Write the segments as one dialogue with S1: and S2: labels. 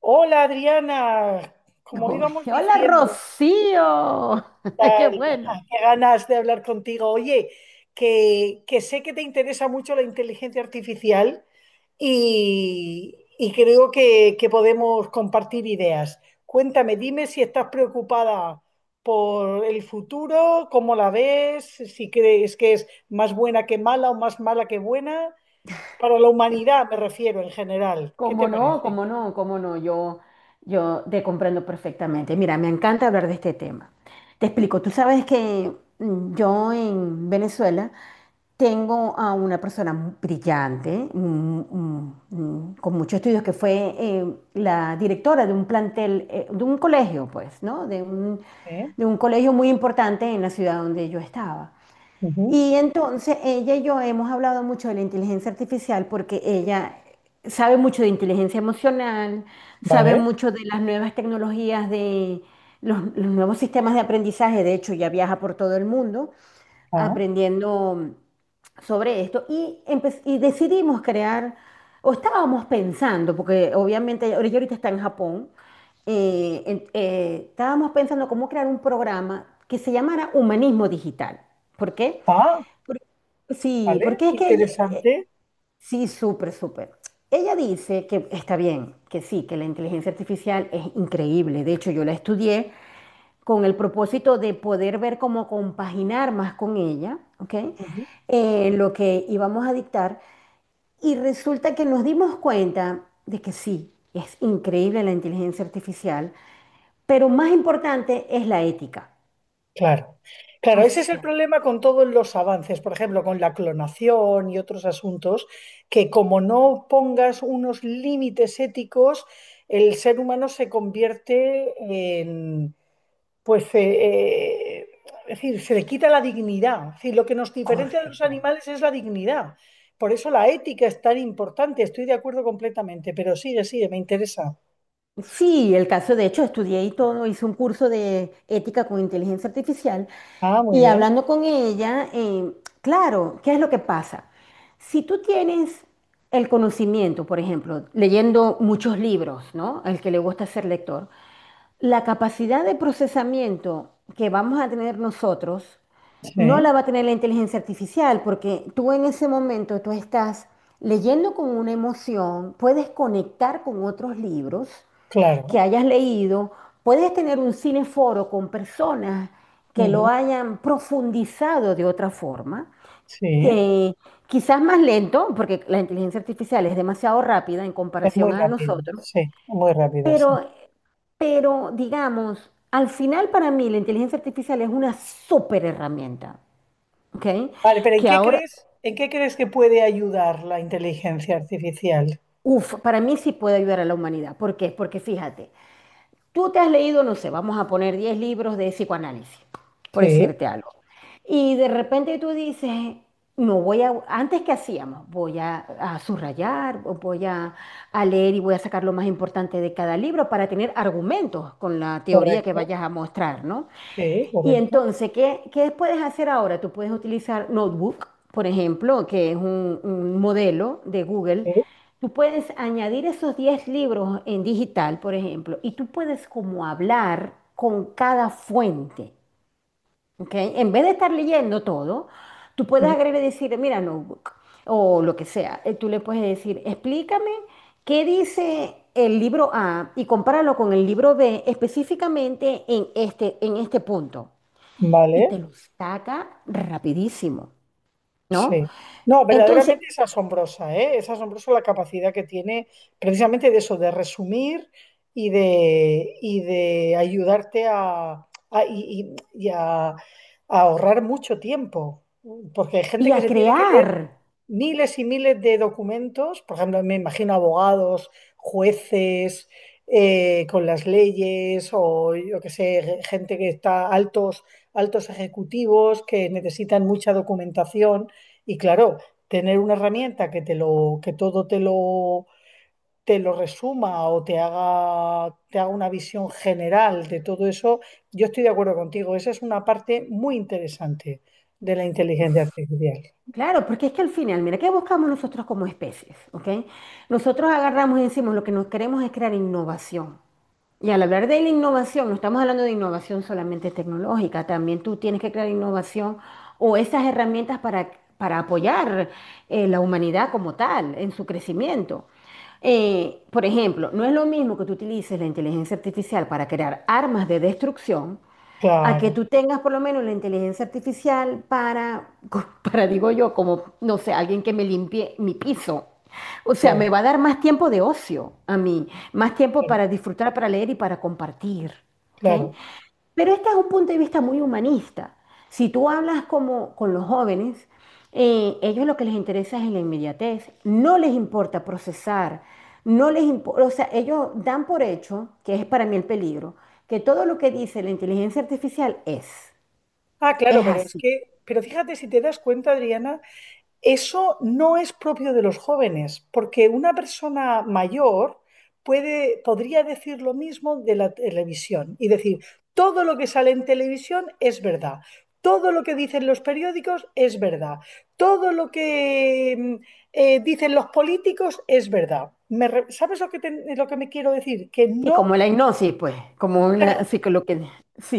S1: Hola Adriana, como
S2: Uy,
S1: íbamos
S2: hola
S1: diciendo,
S2: Rocío, qué
S1: tal,
S2: bueno.
S1: qué ganas de hablar contigo. Oye, que sé que te interesa mucho la inteligencia artificial y creo que podemos compartir ideas. Cuéntame, dime si estás preocupada por el futuro, cómo la ves, si crees que es más buena que mala o más mala que buena. Para la humanidad me refiero en general. ¿Qué te
S2: ¿Cómo no?
S1: parece?
S2: ¿Cómo no? ¿Cómo no? Yo te comprendo perfectamente. Mira, me encanta hablar de este tema. Te explico, tú sabes que yo en Venezuela tengo a una persona brillante, con muchos estudios, que fue la directora de un plantel, de un colegio, pues, ¿no?
S1: ¿Eh?
S2: De un colegio muy importante en la ciudad donde yo estaba.
S1: Ujú.
S2: Y entonces ella y yo hemos hablado mucho de la inteligencia artificial porque ella sabe mucho de inteligencia emocional, sabe
S1: Vale.
S2: mucho de las nuevas tecnologías, de los nuevos sistemas de aprendizaje. De hecho ya viaja por todo el mundo
S1: Ah.
S2: aprendiendo sobre esto y, y decidimos crear, o estábamos pensando, porque obviamente ella ahorita está en Japón. Estábamos pensando cómo crear un programa que se llamara Humanismo Digital. ¿Por qué?
S1: Ah,
S2: Sí,
S1: vale,
S2: porque es que ella,
S1: interesante.
S2: sí, súper, súper. Ella dice que está bien, que sí, que la inteligencia artificial es increíble. De hecho, yo la estudié con el propósito de poder ver cómo compaginar más con ella, ¿ok?
S1: Ujú.
S2: Lo que íbamos a dictar. Y resulta que nos dimos cuenta de que sí, es increíble la inteligencia artificial, pero más importante es la ética.
S1: Claro, claro,
S2: O
S1: ese es el
S2: sea,
S1: problema con todos los avances, por ejemplo, con la clonación y otros asuntos, que como no pongas unos límites éticos, el ser humano se convierte en, pues, es decir, se le quita la dignidad. Es decir, lo que nos diferencia de los
S2: correcto.
S1: animales es la dignidad. Por eso la ética es tan importante, estoy de acuerdo completamente, pero sigue, sigue, me interesa.
S2: Sí, el caso, de hecho, estudié y todo, hice un curso de ética con inteligencia artificial
S1: Ah, muy
S2: y
S1: bien,
S2: hablando con ella, claro, ¿qué es lo que pasa? Si tú tienes el conocimiento, por ejemplo, leyendo muchos libros, ¿no? El que le gusta ser lector, la capacidad de procesamiento que vamos a tener nosotros no
S1: sí,
S2: la va a tener la inteligencia artificial, porque tú en ese momento, tú estás leyendo con una emoción, puedes conectar con otros libros que
S1: claro.
S2: hayas leído, puedes tener un cineforo con personas que lo
S1: Ujú.
S2: hayan profundizado de otra forma,
S1: Sí,
S2: que quizás más lento, porque la inteligencia artificial es demasiado rápida en
S1: es muy
S2: comparación a
S1: rápido,
S2: nosotros,
S1: sí, muy rápida, sí.
S2: pero, pero digamos, al final para mí la inteligencia artificial es una súper herramienta, ¿ok?
S1: Vale, pero
S2: Que ahora,
S1: en qué crees que puede ayudar la inteligencia artificial?
S2: uff, para mí sí puede ayudar a la humanidad. ¿Por qué? Porque fíjate, tú te has leído, no sé, vamos a poner 10 libros de psicoanálisis, por
S1: Sí,
S2: decirte algo. Y de repente tú dices, no voy a, antes que hacíamos, voy a subrayar, o voy a leer y voy a sacar lo más importante de cada libro para tener argumentos con la teoría que
S1: correcto,
S2: vayas a mostrar, ¿no?
S1: sí,
S2: Y
S1: correcto,
S2: entonces, ¿qué puedes hacer ahora? Tú puedes utilizar Notebook, por ejemplo, que es un modelo de Google.
S1: sí,
S2: Tú puedes añadir esos 10 libros en digital, por ejemplo, y tú puedes como hablar con cada fuente, ¿ok? En vez de estar leyendo todo, tú puedes
S1: sí,
S2: agregar y decir, mira, Notebook, o lo que sea. Tú le puedes decir, explícame qué dice el libro A y compáralo con el libro B específicamente en este punto, y
S1: vale,
S2: te lo saca rapidísimo, ¿no?
S1: sí. No,
S2: Entonces,
S1: verdaderamente es asombrosa, ¿eh? Es asombrosa la capacidad que tiene precisamente de eso, de resumir y de ayudarte a ahorrar mucho tiempo, porque hay
S2: y
S1: gente que
S2: a
S1: se tiene que
S2: crear,
S1: leer miles y miles de documentos, por ejemplo, me imagino abogados, jueces, con las leyes o yo que sé, gente que está altos, altos ejecutivos que necesitan mucha documentación y claro, tener una herramienta que te lo, que todo te lo resuma o te haga una visión general de todo eso, yo estoy de acuerdo contigo, esa es una parte muy interesante de la inteligencia artificial.
S2: claro, porque es que al final, mira, ¿qué buscamos nosotros como especies? ¿Ok? Nosotros agarramos y decimos, lo que nos queremos es crear innovación. Y al hablar de la innovación, no estamos hablando de innovación solamente tecnológica, también tú tienes que crear innovación o esas herramientas para apoyar la humanidad como tal en su crecimiento. Por ejemplo, no es lo mismo que tú utilices la inteligencia artificial para crear armas de destrucción a que
S1: Claro,
S2: tú tengas por lo menos la inteligencia artificial para, para digo yo, como, no sé, alguien que me limpie mi piso. O sea, me va
S1: claro.
S2: a dar más tiempo de ocio a mí, más tiempo
S1: Claro.
S2: para disfrutar, para leer y para compartir. ¿Ok?
S1: Claro.
S2: Pero este es un punto de vista muy humanista. Si tú hablas como con los jóvenes, ellos lo que les interesa es la inmediatez, no les importa procesar, no les importa, o sea, ellos dan por hecho, que es para mí el peligro, que todo lo que dice la inteligencia artificial
S1: Ah,
S2: es
S1: claro, pero es
S2: así.
S1: que, pero fíjate si te das cuenta, Adriana, eso no es propio de los jóvenes, porque una persona mayor puede, podría decir lo mismo de la televisión y decir, todo lo que sale en televisión es verdad, todo lo que dicen los periódicos es verdad, todo lo que dicen los políticos es verdad. Me re- ¿sabes lo que, te- lo que me quiero decir? Que
S2: Y
S1: no...
S2: como la hipnosis, pues, como una,
S1: Claro,
S2: así que lo que,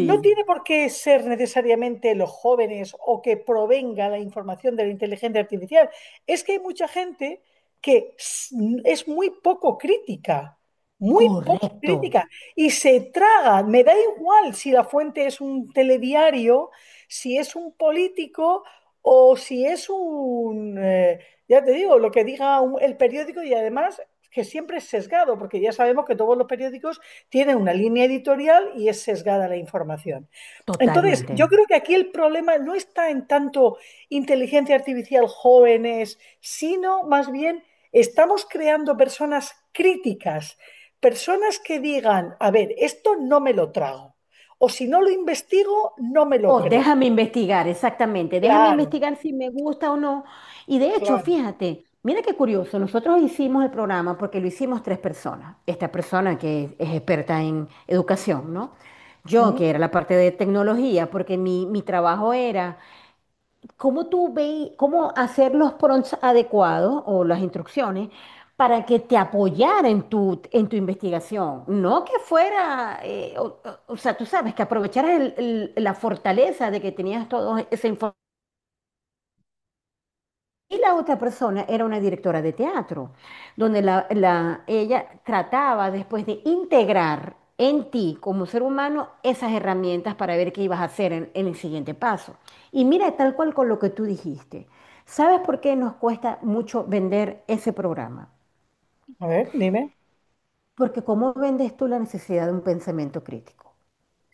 S1: no tiene por qué ser necesariamente los jóvenes o que provenga la información de la inteligencia artificial. Es que hay mucha gente que es muy poco
S2: correcto,
S1: crítica, y se traga. Me da igual si la fuente es un telediario, si es un político o si es un, ya te digo, lo que diga un- el periódico y además que siempre es sesgado, porque ya sabemos que todos los periódicos tiene una línea editorial y es sesgada la información. Entonces,
S2: totalmente.
S1: yo creo que aquí el problema no está en tanto inteligencia artificial jóvenes, sino más bien estamos creando personas críticas, personas que digan, a ver, esto no me lo trago, o si no lo investigo, no me
S2: O
S1: lo creo.
S2: déjame investigar, exactamente. Déjame
S1: Claro,
S2: investigar si me gusta o no. Y de hecho,
S1: claro.
S2: fíjate, mira qué curioso. Nosotros hicimos el programa porque lo hicimos tres personas. Esta persona que es experta en educación, ¿no? Yo,
S1: ¿Mm?
S2: que era la parte de tecnología, porque mi trabajo era ¿cómo tú ve, cómo hacer los prompts adecuados o las instrucciones para que te apoyara en tu investigación? No que fuera, o, o sea, tú sabes, que aprovecharas la fortaleza de que tenías toda esa información, y la otra persona era una directora de teatro, donde ella trataba después de integrar en ti como ser humano esas herramientas para ver qué ibas a hacer en el siguiente paso. Y mira, tal cual con lo que tú dijiste. ¿Sabes por qué nos cuesta mucho vender ese programa?
S1: A ver, dime.
S2: Porque ¿cómo vendes tú la necesidad de un pensamiento crítico?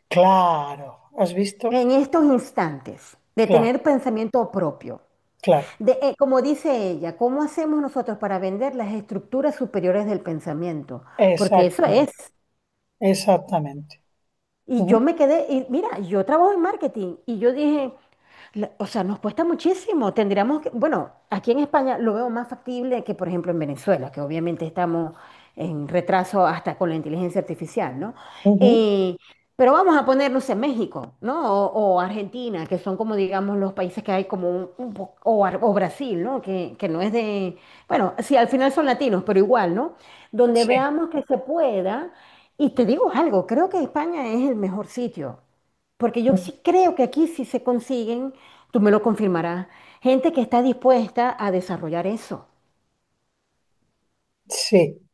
S1: Claro, ¿has visto?
S2: En estos instantes, de
S1: Claro,
S2: tener pensamiento propio,
S1: claro.
S2: de, como dice ella, ¿cómo hacemos nosotros para vender las estructuras superiores del pensamiento? Porque eso
S1: Exactamente,
S2: es.
S1: exactamente.
S2: Y
S1: Ujú,
S2: yo me quedé, y mira, yo trabajo en marketing y yo dije, o sea, nos cuesta muchísimo. Tendríamos que, bueno, aquí en España lo veo más factible que, por ejemplo, en Venezuela, que obviamente estamos en retraso hasta con la inteligencia artificial, ¿no?
S1: ujú.
S2: Eh, pero vamos a poner, no sé, México, ¿no? O Argentina, que son como, digamos, los países que hay como un o, o Brasil, ¿no? Que no es de, bueno, sí, al final son latinos, pero igual, ¿no? Donde
S1: Sí.
S2: veamos que se pueda. Y te digo algo, creo que España es el mejor sitio porque yo sí creo que aquí sí se consiguen, tú me lo confirmarás, gente que está dispuesta a desarrollar eso.
S1: Sí.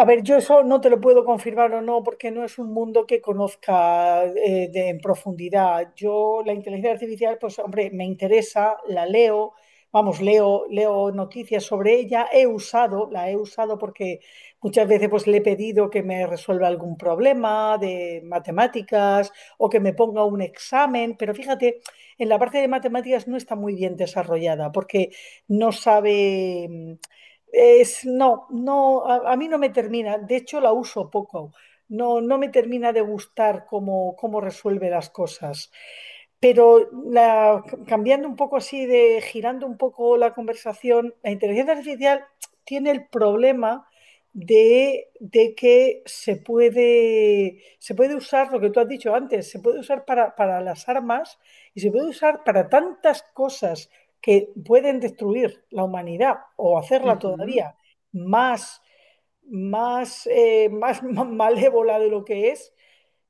S1: A ver, yo eso no te lo puedo confirmar o no, porque no es un mundo que conozca de- en profundidad. Yo la inteligencia artificial, pues hombre, me interesa, la leo, vamos, leo, leo noticias sobre ella, he usado, la he usado porque muchas veces pues le he pedido que me resuelva algún problema de matemáticas o que me ponga un examen, pero fíjate, en la parte de matemáticas no está muy bien desarrollada porque no sabe. Es, no, no, a mí no me termina. De hecho, la uso poco. No, no me termina de gustar cómo, cómo resuelve las cosas. Pero la- cambiando un poco así de, girando un poco la conversación, la inteligencia artificial tiene el problema de que se puede usar lo que tú has dicho antes, se puede usar para las armas y se puede usar para tantas cosas que pueden destruir la humanidad o hacerla
S2: Ujú,
S1: todavía más, más, más malévola de lo que es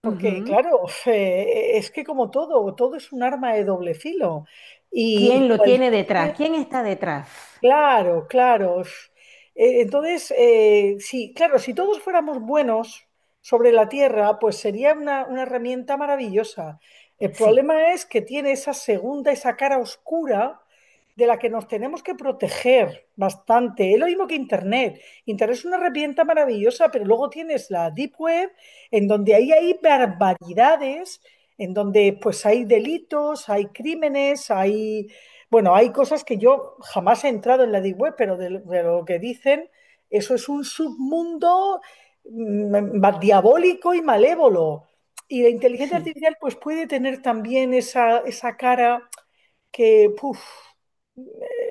S1: porque,
S2: ujú.
S1: claro, es que como todo, todo es un arma de doble filo. Y
S2: ¿Quién lo
S1: cualquier
S2: tiene detrás? ¿Quién está detrás?
S1: claro, claro. Entonces, sí, claro, si todos fuéramos buenos sobre la Tierra, pues sería una herramienta maravillosa. El
S2: Sí,
S1: problema es que tiene esa segunda, esa cara oscura de la que nos tenemos que proteger bastante. Es lo mismo que Internet. Internet es una herramienta maravillosa, pero luego tienes la Deep Web, en donde ahí hay barbaridades, en donde pues hay delitos, hay crímenes, hay bueno, hay cosas que yo jamás he entrado en la Deep Web, pero de lo que dicen, eso es un submundo ma- diabólico y malévolo. Y la inteligencia
S2: sí.
S1: artificial pues puede tener también esa cara que, puf,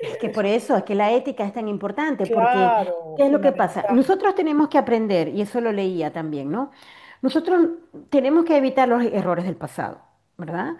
S2: Es que por eso, es que la ética es tan importante, porque
S1: claro,
S2: ¿qué es lo que pasa?
S1: fundamental.
S2: Nosotros tenemos que aprender, y eso lo leía también, ¿no? Nosotros tenemos que evitar los errores del pasado, ¿verdad?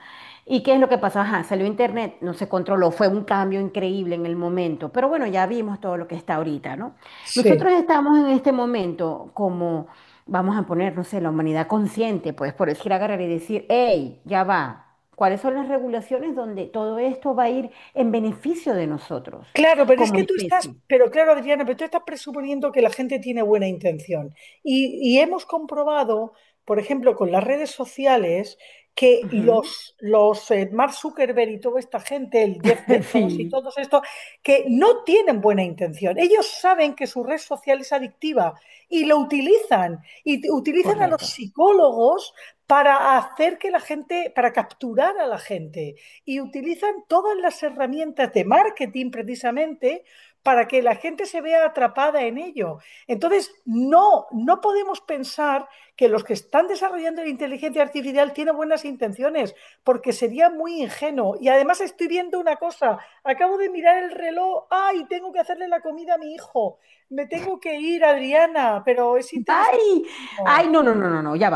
S2: ¿Y qué es lo que pasó? Ajá, salió Internet, no se controló, fue un cambio increíble en el momento, pero bueno, ya vimos todo lo que está ahorita, ¿no?
S1: Sí.
S2: Nosotros estamos en este momento como vamos a poner, no sé, la humanidad consciente, pues por decir, agarrar y decir, hey, ya va, ¿cuáles son las regulaciones donde todo esto va a ir en beneficio de nosotros
S1: Claro, pero es
S2: como
S1: que tú estás,
S2: especie?
S1: pero claro, Adriana, pero tú estás presuponiendo que la gente tiene buena intención. Y hemos comprobado, por ejemplo, con las redes sociales, que
S2: Ujú.
S1: los, los Mark Zuckerberg y toda esta gente, el Jeff Bezos y
S2: Sí,
S1: todos estos, que no tienen buena intención. Ellos saben que su red social es adictiva y lo utilizan. Y t- utilizan a los
S2: correcto.
S1: psicólogos para hacer que la gente, para capturar a la gente y utilizan todas las herramientas de marketing precisamente para que la gente se vea atrapada en ello. Entonces, no, no podemos pensar que los que están desarrollando la inteligencia artificial tienen buenas intenciones, porque sería muy ingenuo. Y además estoy viendo una cosa, acabo de mirar el reloj, ay, tengo que hacerle la comida a mi hijo, me tengo que ir, Adriana, pero es
S2: Ay, ay,
S1: interesantísimo.
S2: no, no, no, no, no, ya va.